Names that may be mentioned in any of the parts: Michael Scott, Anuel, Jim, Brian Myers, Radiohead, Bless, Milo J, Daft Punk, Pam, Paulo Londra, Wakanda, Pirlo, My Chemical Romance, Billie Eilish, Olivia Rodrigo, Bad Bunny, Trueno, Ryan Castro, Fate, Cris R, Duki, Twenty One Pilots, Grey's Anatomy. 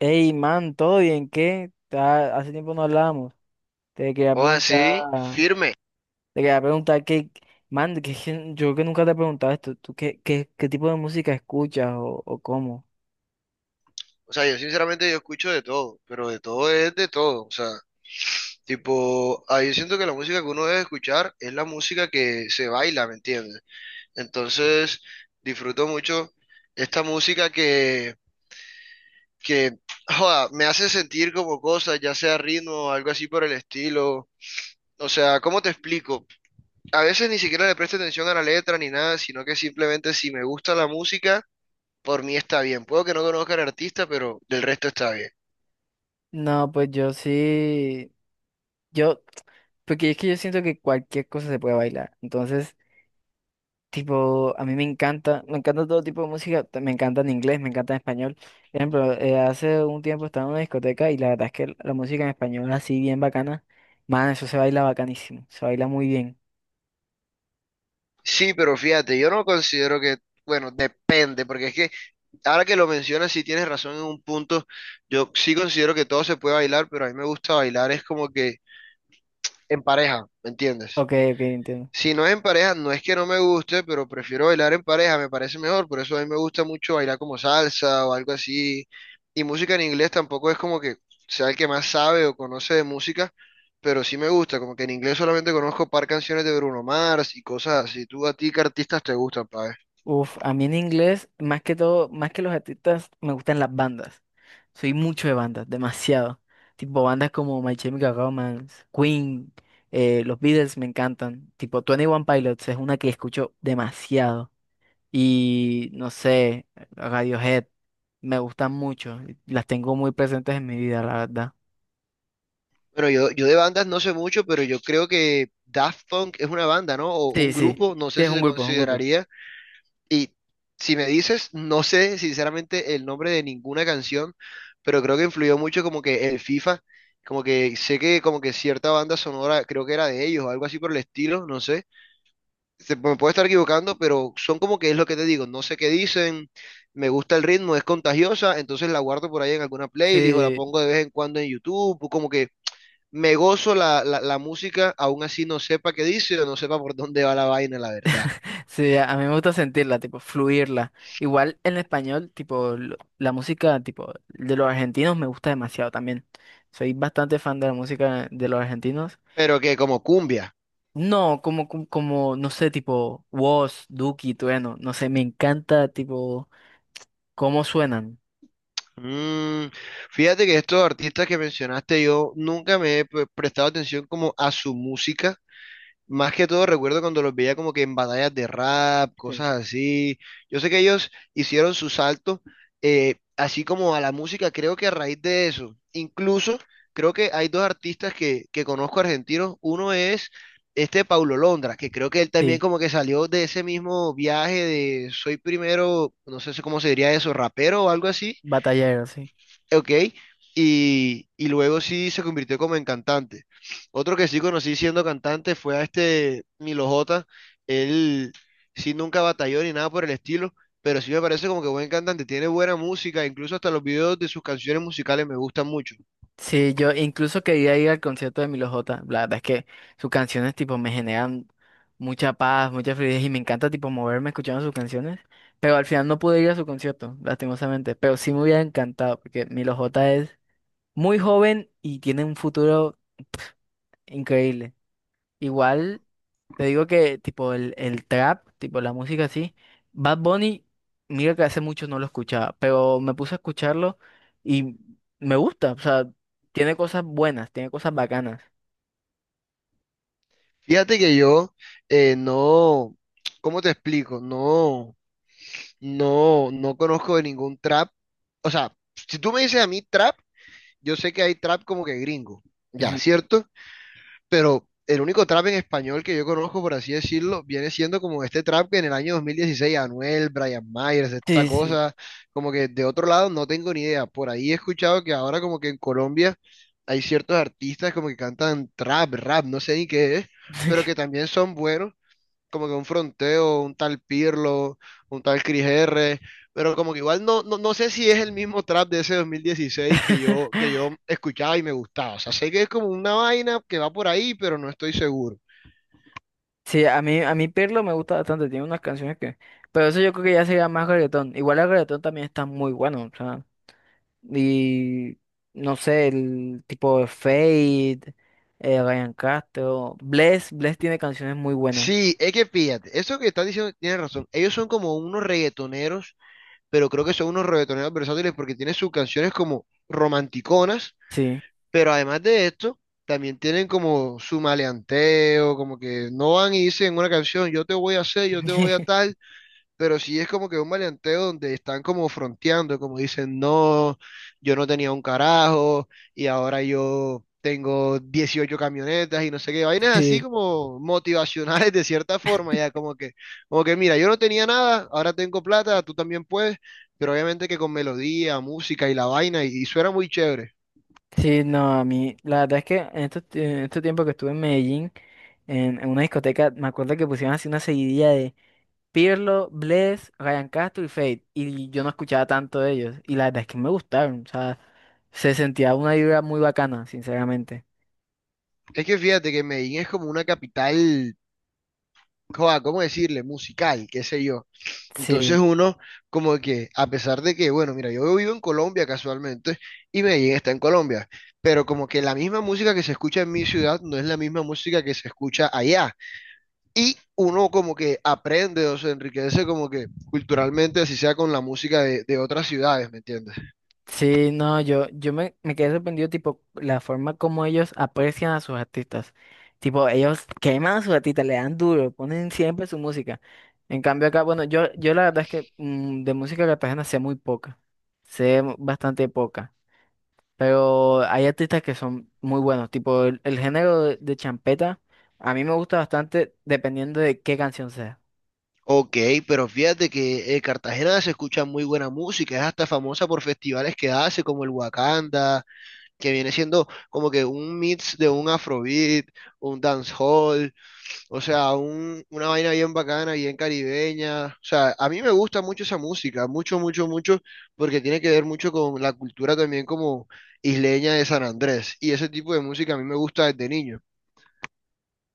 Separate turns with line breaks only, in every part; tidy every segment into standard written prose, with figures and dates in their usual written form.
Ey, man, ¿todo bien? ¿Qué? Hace tiempo no hablábamos. Te quería
O así,
preguntar,
firme.
te quería preguntar, man, es que yo que nunca te he preguntado esto, ¿tú qué tipo de música escuchas o cómo?
O sea, yo sinceramente yo escucho de todo, pero de todo es de todo. O sea, tipo, ahí yo siento que la música que uno debe escuchar es la música que se baila, ¿me entiendes? Entonces, disfruto mucho esta música que, joda, me hace sentir como cosas, ya sea ritmo o algo así por el estilo. O sea, ¿cómo te explico? A veces ni siquiera le presto atención a la letra ni nada, sino que simplemente si me gusta la música, por mí está bien. Puedo que no conozca al artista, pero del resto está bien.
No, pues yo sí, yo, porque es que yo siento que cualquier cosa se puede bailar. Entonces, tipo, a mí me encanta todo tipo de música, me encanta en inglés, me encanta en español. Por ejemplo, hace un tiempo estaba en una discoteca y la verdad es que la música en español así bien bacana, man, eso se baila bacanísimo, se baila muy bien.
Sí, pero fíjate, yo no considero que, bueno, depende, porque es que ahora que lo mencionas, sí tienes razón en un punto, yo sí considero que todo se puede bailar, pero a mí me gusta bailar es como que en pareja, ¿me entiendes?
Ok, ok, entiendo.
Si no es en pareja, no es que no me guste, pero prefiero bailar en pareja, me parece mejor, por eso a mí me gusta mucho bailar como salsa o algo así, y música en inglés tampoco es como que sea el que más sabe o conoce de música, pero sí me gusta, como que en inglés solamente conozco par canciones de Bruno Mars y cosas así, ¿tú a ti qué artistas te gustan, pa'?
Uf, a mí en inglés, más que todo, más que los artistas, me gustan las bandas. Soy mucho de bandas, demasiado. Tipo bandas como My Chemical Romance, Queen, los Beatles me encantan. Tipo, Twenty One Pilots es una que escucho demasiado. Y no sé, Radiohead, me gustan mucho, las tengo muy presentes en mi vida, la verdad.
Bueno, yo de bandas no sé mucho, pero yo creo que Daft Punk es una banda, ¿no? O
Sí,
un
sí, sí,
grupo, no sé
es
si
un
se
grupo, es un grupo.
consideraría. Y si me dices, no sé sinceramente el nombre de ninguna canción, pero creo que influyó mucho como que el FIFA, como que sé que como que cierta banda sonora creo que era de ellos o algo así por el estilo, no sé. Me puedo estar equivocando, pero son como que es lo que te digo, no sé qué dicen, me gusta el ritmo, es contagiosa, entonces la guardo por ahí en alguna playlist o la
Sí,
pongo de vez en cuando en YouTube, o como que me gozo la música, aún así no sepa qué dice o no sepa por dónde va la vaina, la verdad.
sí, a mí me gusta sentirla, tipo, fluirla. Igual en español, tipo, la música, tipo, de los argentinos me gusta demasiado también. Soy bastante fan de la música de los argentinos.
Pero que como cumbia.
No, como, no sé, tipo, woz Duki, Trueno, no sé, me encanta, tipo, cómo suenan.
Mm, fíjate que estos artistas que mencionaste, yo nunca me he prestado atención como a su música. Más que todo recuerdo cuando los veía como que en batallas de rap,
Sí.
cosas así. Yo sé que ellos hicieron su salto, así como a la música, creo que a raíz de eso. Incluso creo que hay dos artistas que conozco argentinos. Uno es este Paulo Londra, que creo que él también
Sí,
como que salió de ese mismo viaje de soy primero, no sé cómo se diría eso, rapero o algo así.
batalleros, sí.
Ok, y luego sí se convirtió como en cantante. Otro que sí conocí siendo cantante fue a este Milo J. Él sí nunca batalló ni nada por el estilo, pero sí me parece como que buen cantante, tiene buena música, incluso hasta los videos de sus canciones musicales me gustan mucho.
Sí, yo incluso quería ir al concierto de Milo J. La verdad es que sus canciones tipo me generan mucha paz, mucha fluidez y me encanta tipo moverme escuchando sus canciones. Pero al final no pude ir a su concierto, lastimosamente. Pero sí me hubiera encantado porque Milo J es muy joven y tiene un futuro increíble. Igual. Te digo que, tipo, el trap, tipo, la música así. Bad Bunny, mira que hace mucho no lo escuchaba, pero me puse a escucharlo y me gusta. O sea, tiene cosas buenas, tiene cosas bacanas.
Fíjate que yo no, ¿cómo te explico? No, no conozco de ningún trap. O sea, si tú me dices a mí trap, yo sé que hay trap como que gringo, ya,
Ujú.
¿cierto? Pero el único trap en español que yo conozco, por así decirlo, viene siendo como este trap que en el año 2016 Anuel, Brian Myers, esta
Sí, sí.
cosa, como que de otro lado no tengo ni idea. Por ahí he escuchado que ahora como que en Colombia hay ciertos artistas como que cantan trap, rap, no sé ni qué es, pero que también son buenos como que un fronteo, un tal Pirlo, un tal Cris R, pero como que igual no, no sé si es el mismo trap de ese 2016 que yo escuchaba y me gustaba. O sea, sé que es como una vaina que va por ahí, pero no estoy seguro.
Sí, a mí Pirlo me gusta bastante, tiene unas canciones que… Pero eso yo creo que ya sería más reggaetón. Igual el reggaetón también está muy bueno, o sea… Y… No sé, el tipo de Fade, Ryan Castro… Bless, Bless tiene canciones muy buenas,
Sí, es que fíjate, eso que estás diciendo tienes razón. Ellos son como unos reggaetoneros, pero creo que son unos reggaetoneros versátiles porque tienen sus canciones como romanticonas,
sí.
pero además de esto, también tienen como su maleanteo, como que no van y dicen una canción, yo te voy a hacer, yo te voy a tal, pero sí es como que un maleanteo donde están como fronteando, como dicen, no, yo no tenía un carajo y ahora yo tengo 18 camionetas y no sé qué, vainas así
Sí,
como motivacionales de cierta forma, ya como que mira, yo no tenía nada, ahora tengo plata, tú también puedes, pero obviamente que con melodía, música y la vaina y suena muy chévere.
sí, no, a mí, la verdad es que en este tiempo que estuve en Medellín, en una discoteca, me acuerdo que pusieron así una seguidilla de Pirlo, Bless, Ryan Castro y Fate, y yo no escuchaba tanto de ellos, y la verdad es que me gustaron, o sea, se sentía una vibra muy bacana, sinceramente.
Es que fíjate que Medellín es como una capital, joa, ¿cómo decirle? Musical, qué sé yo. Entonces
Sí.
uno como que, a pesar de que, bueno, mira, yo vivo en Colombia casualmente y Medellín está en Colombia, pero como que la misma música que se escucha en mi ciudad no es la misma música que se escucha allá. Y uno como que aprende o se enriquece como que culturalmente, así sea con la música de otras ciudades, ¿me entiendes?
Sí, no, me quedé sorprendido, tipo, la forma como ellos aprecian a sus artistas. Tipo, ellos queman a sus artistas, le dan duro, ponen siempre su música. En cambio acá, bueno, yo la verdad es que de música cartagena sé muy poca, bastante poca, pero hay artistas que son muy buenos, tipo, el género de champeta, a mí me gusta bastante dependiendo de qué canción sea.
Ok, pero fíjate que Cartagena se escucha muy buena música, es hasta famosa por festivales que hace, como el Wakanda, que viene siendo como que un mix de un afrobeat, un dancehall. O sea, una vaina bien bacana, bien caribeña. O sea, a mí me gusta mucho esa música, mucho, mucho, mucho, porque tiene que ver mucho con la cultura también como isleña de San Andrés. Y ese tipo de música a mí me gusta desde niño.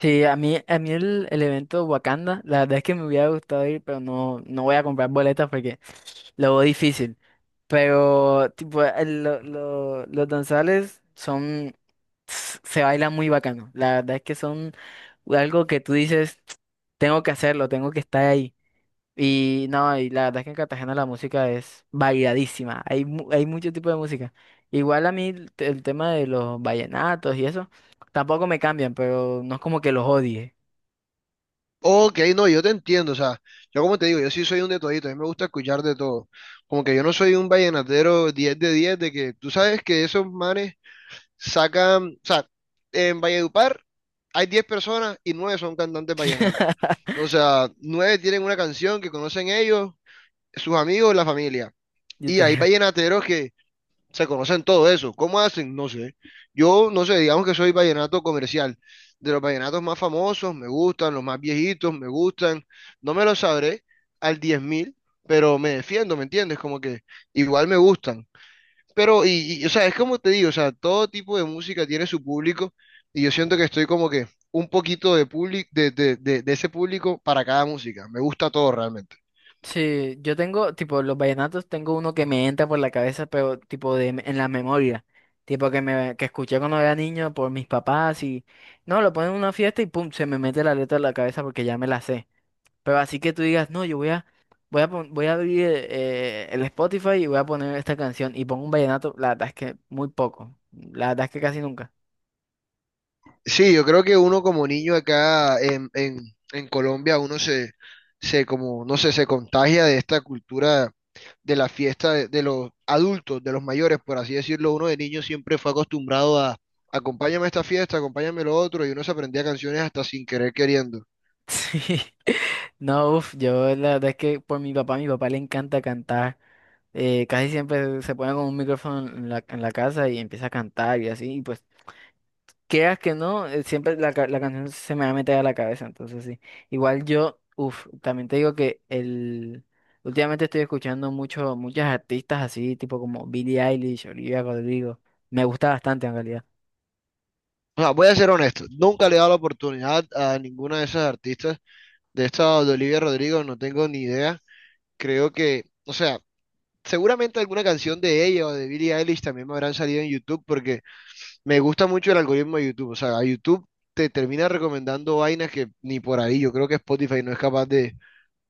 Sí, a mí el evento Wakanda, la verdad es que me hubiera gustado ir, pero no, no voy a comprar boletas porque lo veo difícil. Pero, tipo, los danzales son. Se bailan muy bacano. La verdad es que son algo que tú dices, tengo que hacerlo, tengo que estar ahí. Y no, y la verdad es que en Cartagena la música es variadísima. Hay mucho tipo de música. Igual a mí el tema de los vallenatos y eso, tampoco me cambian, pero no es como que los odie.
Ok, no, yo te entiendo, o sea, yo como te digo, yo sí soy un de todito, a mí me gusta escuchar de todo. Como que yo no soy un vallenatero 10 de que tú sabes que esos manes sacan, o sea, en Valledupar hay 10 personas y 9 son cantantes vallenatos. O sea, 9 tienen una canción que conocen ellos, sus amigos, la familia.
Yo
Y hay
te…
vallenateros que se conocen todo eso. ¿Cómo hacen? No sé. Yo, no sé, digamos que soy vallenato comercial. De los vallenatos más famosos, me gustan, los más viejitos, me gustan. No me los sabré al 10.000 pero me defiendo, ¿me entiendes? Como que igual me gustan. Pero, o sea, es como te digo, o sea, todo tipo de música tiene su público y yo siento que estoy como que un poquito de, público de ese público para cada música. Me gusta todo realmente.
Sí, yo tengo, tipo, los vallenatos, tengo uno que me entra por la cabeza, pero tipo de, en la memoria, tipo que escuché cuando era niño por mis papás y no, lo ponen en una fiesta y pum, se me mete la letra en la cabeza porque ya me la sé. Pero así que tú digas, no, yo voy a, voy a, pon- voy a abrir, el Spotify y voy a poner esta canción y pongo un vallenato, la verdad es que muy poco, la verdad es que casi nunca.
Sí, yo creo que uno como niño acá en Colombia, uno se como, no sé, se contagia de esta cultura de la fiesta de los adultos, de los mayores, por así decirlo, uno de niño siempre fue acostumbrado a acompáñame a esta fiesta, acompáñame a lo otro, y uno se aprendía canciones hasta sin querer queriendo.
Sí. No, uff, yo la verdad es que por mi papá le encanta cantar. Casi siempre se pone con un micrófono en en la casa y empieza a cantar y así, y pues, quieras que no, siempre la canción se me va a meter a la cabeza, entonces sí. Igual yo, uff, también te digo que el… Últimamente estoy escuchando muchas artistas así, tipo como Billie Eilish, Olivia Rodrigo. Me gusta bastante en realidad.
O sea, voy a ser honesto, nunca le he dado la oportunidad a ninguna de esas artistas. De esta de Olivia Rodrigo no tengo ni idea. Creo que, o sea, seguramente alguna canción de ella o de Billie Eilish también me habrán salido en YouTube porque me gusta mucho el algoritmo de YouTube. O sea, a YouTube te termina recomendando vainas que ni por ahí. Yo creo que Spotify no es capaz de,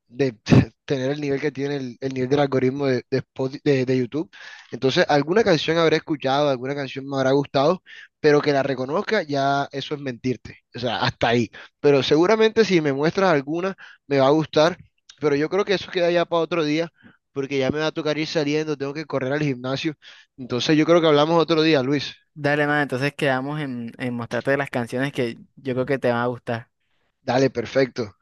de tener el nivel que tiene el nivel del algoritmo de YouTube. Entonces, alguna canción habré escuchado, alguna canción me habrá gustado, pero que la reconozca, ya eso es mentirte. O sea, hasta ahí. Pero seguramente si me muestras alguna, me va a gustar, pero yo creo que eso queda ya para otro día, porque ya me va a tocar ir saliendo, tengo que correr al gimnasio. Entonces, yo creo que hablamos otro día, Luis.
Dale, man, entonces quedamos en mostrarte las canciones que yo creo que te van a gustar.
Dale, perfecto.